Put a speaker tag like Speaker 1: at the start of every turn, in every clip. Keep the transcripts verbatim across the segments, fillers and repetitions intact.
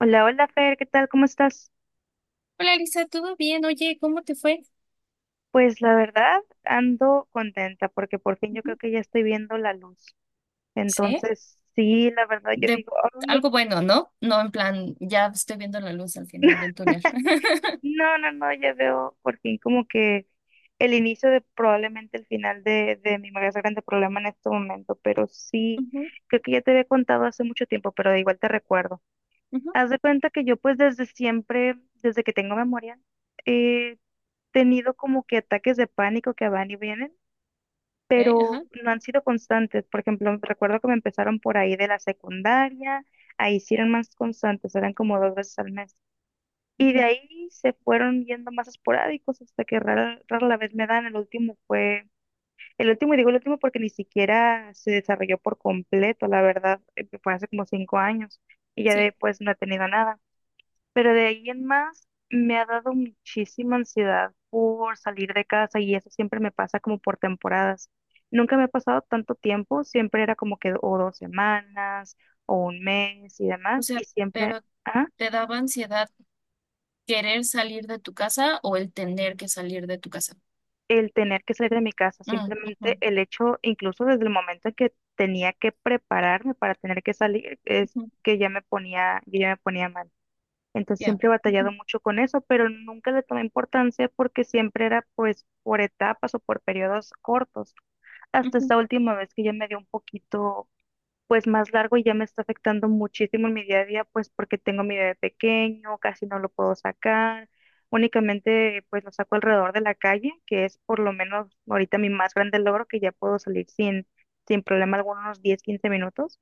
Speaker 1: Hola, hola Fer, ¿qué tal? ¿Cómo estás?
Speaker 2: Hola, Lisa, ¿todo bien? Oye, ¿cómo te fue?
Speaker 1: Pues la verdad, ando contenta porque por fin yo creo
Speaker 2: Ujú.
Speaker 1: que ya estoy viendo la luz.
Speaker 2: ¿Sí?
Speaker 1: Entonces, sí, la verdad yo
Speaker 2: De
Speaker 1: digo, "Ay,
Speaker 2: algo
Speaker 1: por-
Speaker 2: bueno, ¿no? No, en plan, ya estoy viendo la luz al final del túnel.
Speaker 1: no, no, no, ya veo por fin como que el inicio de probablemente el final de, de mi más grande problema en este momento. Pero sí,
Speaker 2: Ujú,
Speaker 1: creo que ya te había contado hace mucho tiempo, pero de igual te recuerdo.
Speaker 2: ujú,
Speaker 1: Haz de cuenta que yo, pues, desde siempre, desde que tengo memoria, he tenido como que ataques de pánico que van y vienen,
Speaker 2: ok, ajá,
Speaker 1: pero no han sido constantes. Por ejemplo, recuerdo que me empezaron por ahí de la secundaria, ahí sí eran más constantes, eran como dos veces al mes. Y de
Speaker 2: ujú,
Speaker 1: ahí se fueron yendo más esporádicos hasta que rara, rara la vez me dan. El último fue, el último, y digo el último porque ni siquiera se desarrolló por completo, la verdad, eh, fue hace como cinco años y ya
Speaker 2: sí,
Speaker 1: después no he tenido nada. Pero de ahí en más me ha dado muchísima ansiedad por salir de casa y eso siempre me pasa como por temporadas. Nunca me ha pasado tanto tiempo, siempre era como que o dos semanas o un mes y
Speaker 2: o
Speaker 1: demás, y
Speaker 2: sea,
Speaker 1: siempre
Speaker 2: pero
Speaker 1: ah,
Speaker 2: ¿te daba ansiedad querer salir de tu casa o el tener que salir de tu casa?
Speaker 1: el tener que salir de mi casa,
Speaker 2: Mm, ujú,
Speaker 1: simplemente el hecho, incluso desde el momento en que tenía que prepararme para tener que salir, es
Speaker 2: ujú,
Speaker 1: que ya me ponía, yo ya me ponía mal. Entonces
Speaker 2: ya.
Speaker 1: siempre he batallado
Speaker 2: Ujú,
Speaker 1: mucho con eso, pero nunca le tomé importancia porque siempre era, pues, por etapas o por periodos cortos. Hasta
Speaker 2: ujú,
Speaker 1: esta última vez que ya me dio un poquito, pues, más largo, y ya me está afectando muchísimo en mi día a día, pues porque tengo mi bebé pequeño, casi no lo puedo sacar. Únicamente pues lo saco alrededor de la calle, que es por lo menos ahorita mi más grande logro, que ya puedo salir sin, sin problema algunos diez quince minutos.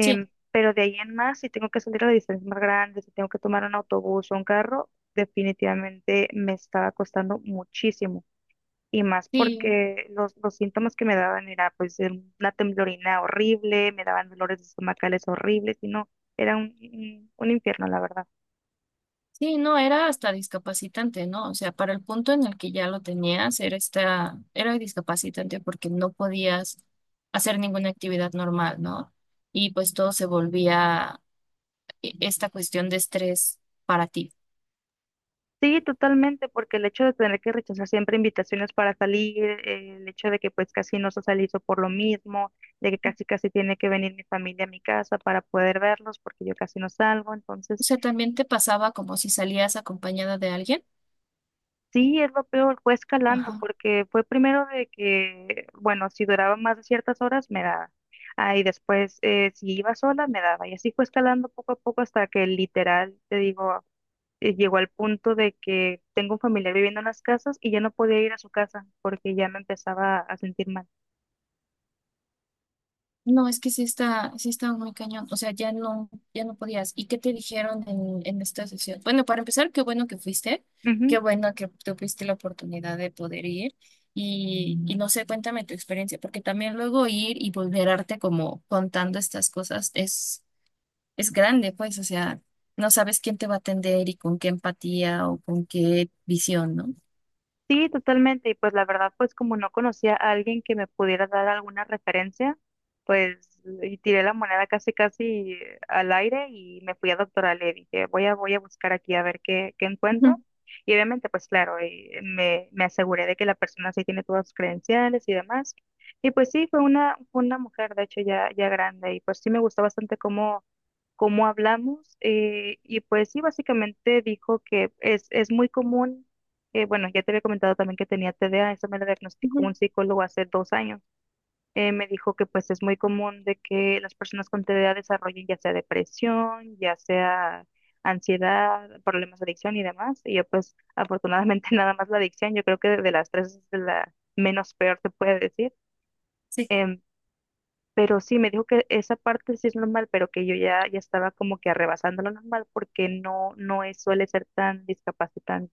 Speaker 2: sí,
Speaker 1: Pero de ahí en más, si tengo que salir a distancias más grandes, si tengo que tomar un autobús o un carro, definitivamente me estaba costando muchísimo. Y más
Speaker 2: sí.
Speaker 1: porque los, los síntomas que me daban era pues em, una temblorina horrible, me daban dolores estomacales horribles y no, era un, un un infierno, la verdad.
Speaker 2: Sí, no, era hasta discapacitante, ¿no? O sea, para el punto en el que ya lo tenías, era esta, era discapacitante porque no podías hacer ninguna actividad normal, ¿no? Y pues todo se volvía e- esta cuestión de estrés para ti.
Speaker 1: Sí, totalmente, porque el hecho de tener que rechazar siempre invitaciones para salir, eh, el hecho de que pues casi no se socializo por lo mismo, de que casi casi tiene que venir mi familia a mi casa para poder verlos, porque yo casi no salgo.
Speaker 2: O
Speaker 1: Entonces
Speaker 2: sea, también te pasaba como si salías acompañada de alguien.
Speaker 1: sí, es lo peor, fue escalando,
Speaker 2: Ajá.
Speaker 1: porque fue primero de que, bueno, si duraba más de ciertas horas, me daba, ah, y después eh, si iba sola, me daba, y así fue escalando poco a poco hasta que literal, te digo, eh, llegó al punto de que tengo un familiar viviendo en las casas y ya no podía ir a su casa porque ya me empezaba a sentir mal.
Speaker 2: No, es que sí está, sí estaba muy cañón. O sea, ya no, ya no podías. ¿Y qué te dijeron en, en esta sesión? Bueno, para empezar, qué bueno que fuiste, qué bueno que tuviste la oportunidad de poder ir. Y, y no sé, cuéntame tu experiencia, porque también luego ir y vulnerarte como contando estas cosas es, es grande, pues, o sea, no sabes quién te va a atender y con qué empatía o con qué visión, ¿no?
Speaker 1: Sí, totalmente. Y pues la verdad, pues como no conocía a alguien que me pudiera dar alguna referencia, pues, y tiré la moneda casi casi al aire y me fui a doctoral. Le dije, voy a, voy a buscar aquí a ver qué, qué
Speaker 2: Ujú,
Speaker 1: encuentro. Y obviamente, pues claro, y me, me aseguré de que la persona sí tiene todas sus credenciales y demás. Y pues sí, fue una, fue una mujer, de hecho, ya, ya grande. Y pues sí, me gustó bastante cómo cómo hablamos, eh, y pues sí, básicamente dijo que es, es muy común. Eh, bueno, ya te había comentado también que tenía T D A. Eso me lo diagnosticó
Speaker 2: ujú.
Speaker 1: un psicólogo hace dos años. Eh, me dijo que pues es muy común de que las personas con T D A desarrollen ya sea depresión, ya sea ansiedad, problemas de adicción y demás. Y yo pues afortunadamente nada más la adicción, yo creo que de las tres es de la menos peor, se puede decir.
Speaker 2: Sí.
Speaker 1: Em, pero sí, me dijo que esa parte sí es normal, pero que yo ya, ya estaba como que arrebasando lo normal porque no, no es, suele ser tan discapacitante.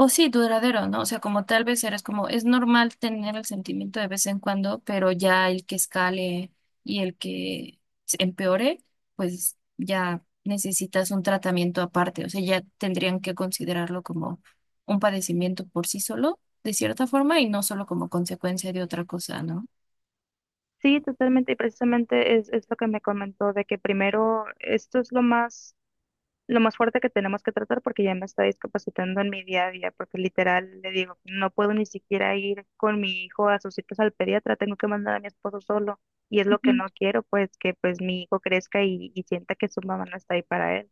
Speaker 2: O sí, duradero, ¿no? O sea, como tal vez eres como, es normal tener el sentimiento de vez en cuando, pero ya el que escale y el que se empeore, pues ya necesitas un tratamiento aparte. O sea, ya tendrían que considerarlo como un padecimiento por sí solo, de cierta forma, y no solo como consecuencia de otra cosa, ¿no?
Speaker 1: Sí, totalmente, y precisamente es, es lo que me comentó, de que primero esto es lo más, lo más fuerte que tenemos que tratar porque ya me está discapacitando en mi día a día, porque literal le digo, no puedo ni siquiera ir con mi hijo a sus citas al pediatra, tengo que mandar a mi esposo solo, y es lo que no quiero, pues que pues mi hijo crezca y, y sienta que su mamá no está ahí para él.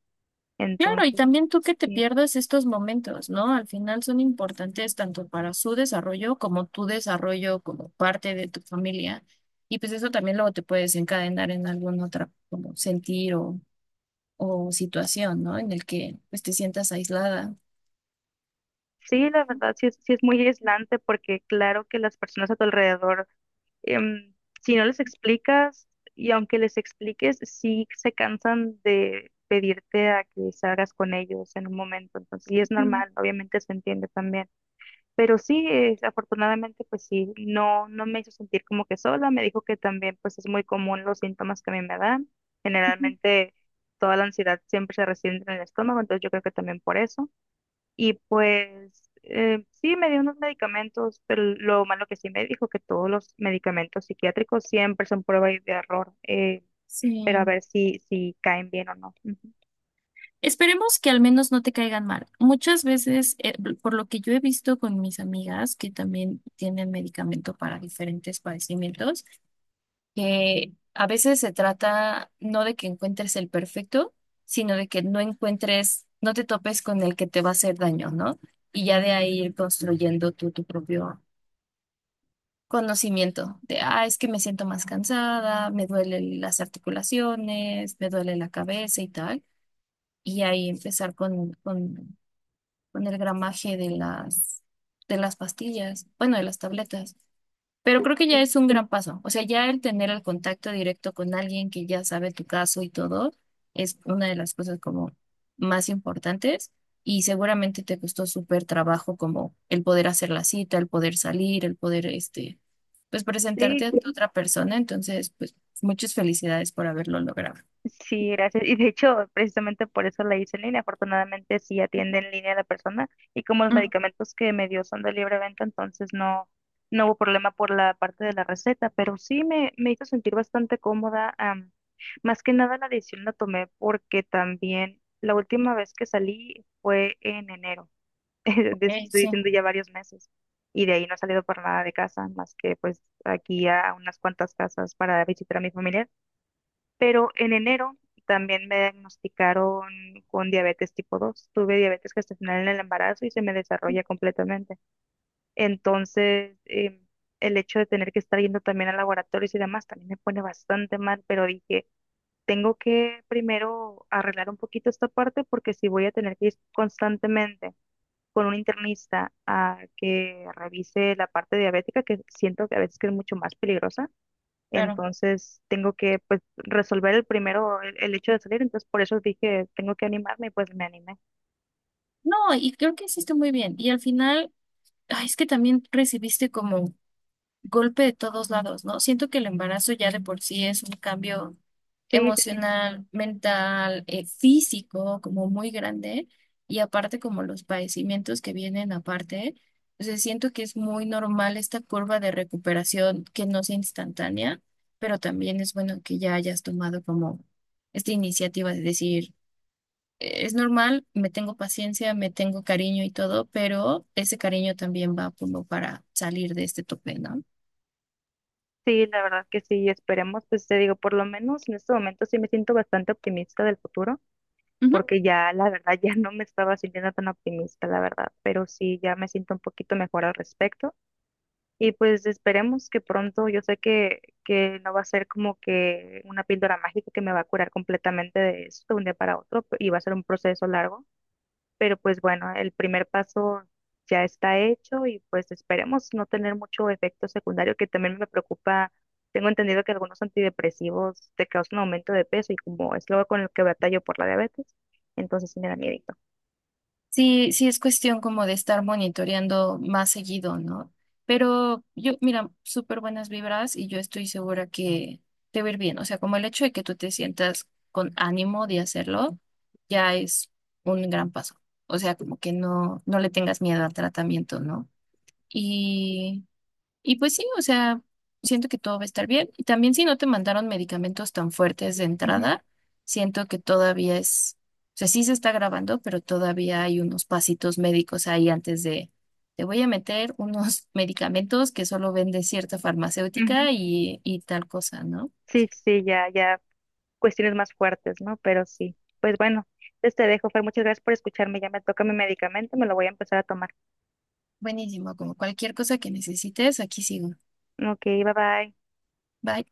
Speaker 2: Claro, y
Speaker 1: Entonces,
Speaker 2: también tú que te
Speaker 1: sí,
Speaker 2: pierdas estos momentos, ¿no? Al final son importantes tanto para su desarrollo como tu desarrollo como parte de tu familia. Y pues eso también luego te puede desencadenar en algún otra como sentir o, o situación, ¿no? En el que pues te sientas aislada.
Speaker 1: sí, la verdad sí es, sí es muy aislante, porque claro que las personas a tu alrededor em, si no les explicas, y aunque les expliques, sí se cansan de pedirte a que salgas con ellos en un momento. Entonces, y es
Speaker 2: Ujú,
Speaker 1: normal, obviamente se entiende también. Pero sí, eh, afortunadamente, pues sí, no, no me hizo sentir como que sola. Me dijo que también, pues es muy común los síntomas que a mí me dan.
Speaker 2: ujú.
Speaker 1: Generalmente, toda la ansiedad siempre se resiente en el estómago, entonces yo creo que también por eso. Y pues eh, sí, me dio unos medicamentos, pero lo malo que sí me dijo que todos los medicamentos psiquiátricos siempre son prueba y de error, eh, pero a
Speaker 2: Sí.
Speaker 1: ver si, si caen bien o no. Ujú.
Speaker 2: Esperemos que al menos no te caigan mal. Muchas veces, eh, por lo que yo he visto con mis amigas que también tienen medicamento para diferentes padecimientos, que a veces se trata no de que encuentres el perfecto, sino de que no encuentres, no te topes con el que te va a hacer daño, ¿no? Y ya de ahí ir construyendo tú tu propio conocimiento de, ah, es que me siento más cansada, me duelen las articulaciones, me duele la cabeza y tal. Y ahí empezar con, con, con el gramaje de las, de las pastillas, bueno, de las tabletas. Pero creo que ya es un gran paso. O sea, ya el tener el contacto directo con alguien que ya sabe tu caso y todo es una de las cosas como más importantes y seguramente te costó súper trabajo como el poder hacer la cita, el poder salir, el poder, este, pues presentarte
Speaker 1: Sí,
Speaker 2: a otra persona. Entonces, pues muchas felicidades por haberlo logrado.
Speaker 1: sí, gracias. Y de hecho, precisamente por eso la hice en línea. Afortunadamente, sí atiende en línea a la persona. Y como los
Speaker 2: Mm,
Speaker 1: medicamentos que me dio son de libre venta, entonces no, no hubo problema por la parte de la receta. Pero sí me, me hizo sentir bastante cómoda. Am, más que nada, la decisión la tomé porque también la última vez que salí fue en enero. Te
Speaker 2: ok,
Speaker 1: estoy
Speaker 2: sí,
Speaker 1: diciendo, ya varios meses. Y de ahí no he salido por nada de casa, más que pues aquí a unas cuantas casas para visitar a mi familia, pero en enero también me diagnosticaron con diabetes tipo dos. Tuve diabetes gestacional en el embarazo y se me desarrolla completamente. Entonces, em, el hecho de tener que estar yendo también a laboratorios y demás también me pone bastante mal, pero dije, tengo que primero arreglar un poquito esta parte, porque si voy a tener que ir constantemente con un internista a que revise la parte diabética, que siento que a veces que es mucho más peligrosa,
Speaker 2: claro.
Speaker 1: entonces tengo que, pues, resolver el primero el, el hecho de salir, entonces por eso dije, tengo que animarme y pues me animé.
Speaker 2: No, y creo que hiciste muy bien. Y al final, ay, es que también recibiste como golpe de todos lados, ¿no? Siento que el embarazo ya de por sí es un cambio
Speaker 1: Sí, sí, sí,
Speaker 2: emocional, mental, eh, físico, como muy grande, y aparte como los padecimientos que vienen aparte, o sea, siento que es muy normal esta curva de recuperación que no sea instantánea, pero también es bueno que ya hayas tomado como esta iniciativa de decir, "Eh, es normal, me tengo paciencia, me tengo cariño y todo, pero ese cariño también va como para salir de este tope, ¿no?"
Speaker 1: sí, la verdad que sí, esperemos, pues te digo, por lo menos en este momento sí me siento bastante optimista del futuro, porque ya la verdad ya no me estaba sintiendo tan optimista, la verdad, pero sí ya me siento un poquito mejor al respecto. Y pues esperemos que pronto, yo sé que, que no va a ser como que una píldora mágica que me va a curar completamente de esto de un día para otro y va a ser un proceso largo, pero pues, bueno, el primer paso ya está hecho, y pues esperemos no tener mucho efecto secundario, que también me preocupa. Tengo entendido que algunos antidepresivos te causan aumento de peso, y como es lo con el que batallo por la diabetes, entonces sí me da miedito.
Speaker 2: Sí, sí es cuestión como de estar monitoreando más seguido, ¿no? Pero yo, mira, súper buenas vibras y yo estoy segura que te va a ir bien. O sea, como el hecho de que tú te sientas con ánimo de hacerlo, ya es un gran paso. O sea, como que no, no le tengas miedo al tratamiento, ¿no? Y pues sí, o sea, siento que todo va a estar bien. Y también si no te mandaron medicamentos tan fuertes de
Speaker 1: Ujú,
Speaker 2: entrada, siento que todavía es, o sea, sí se está grabando, pero todavía hay unos pasitos médicos ahí antes de, te voy a meter unos medicamentos que solo vende cierta
Speaker 1: ujú.
Speaker 2: farmacéutica y, y tal cosa, ¿no?
Speaker 1: Sí, sí, ya, ya cuestiones más fuertes, ¿no? Pero sí. Pues bueno, entonces te dejo, Fer, muchas gracias por escucharme. Ya me toca mi medicamento, me lo voy a empezar a tomar.
Speaker 2: Buenísimo, como cualquier cosa que necesites, aquí sigo.
Speaker 1: Ok, bye bye.
Speaker 2: Bye.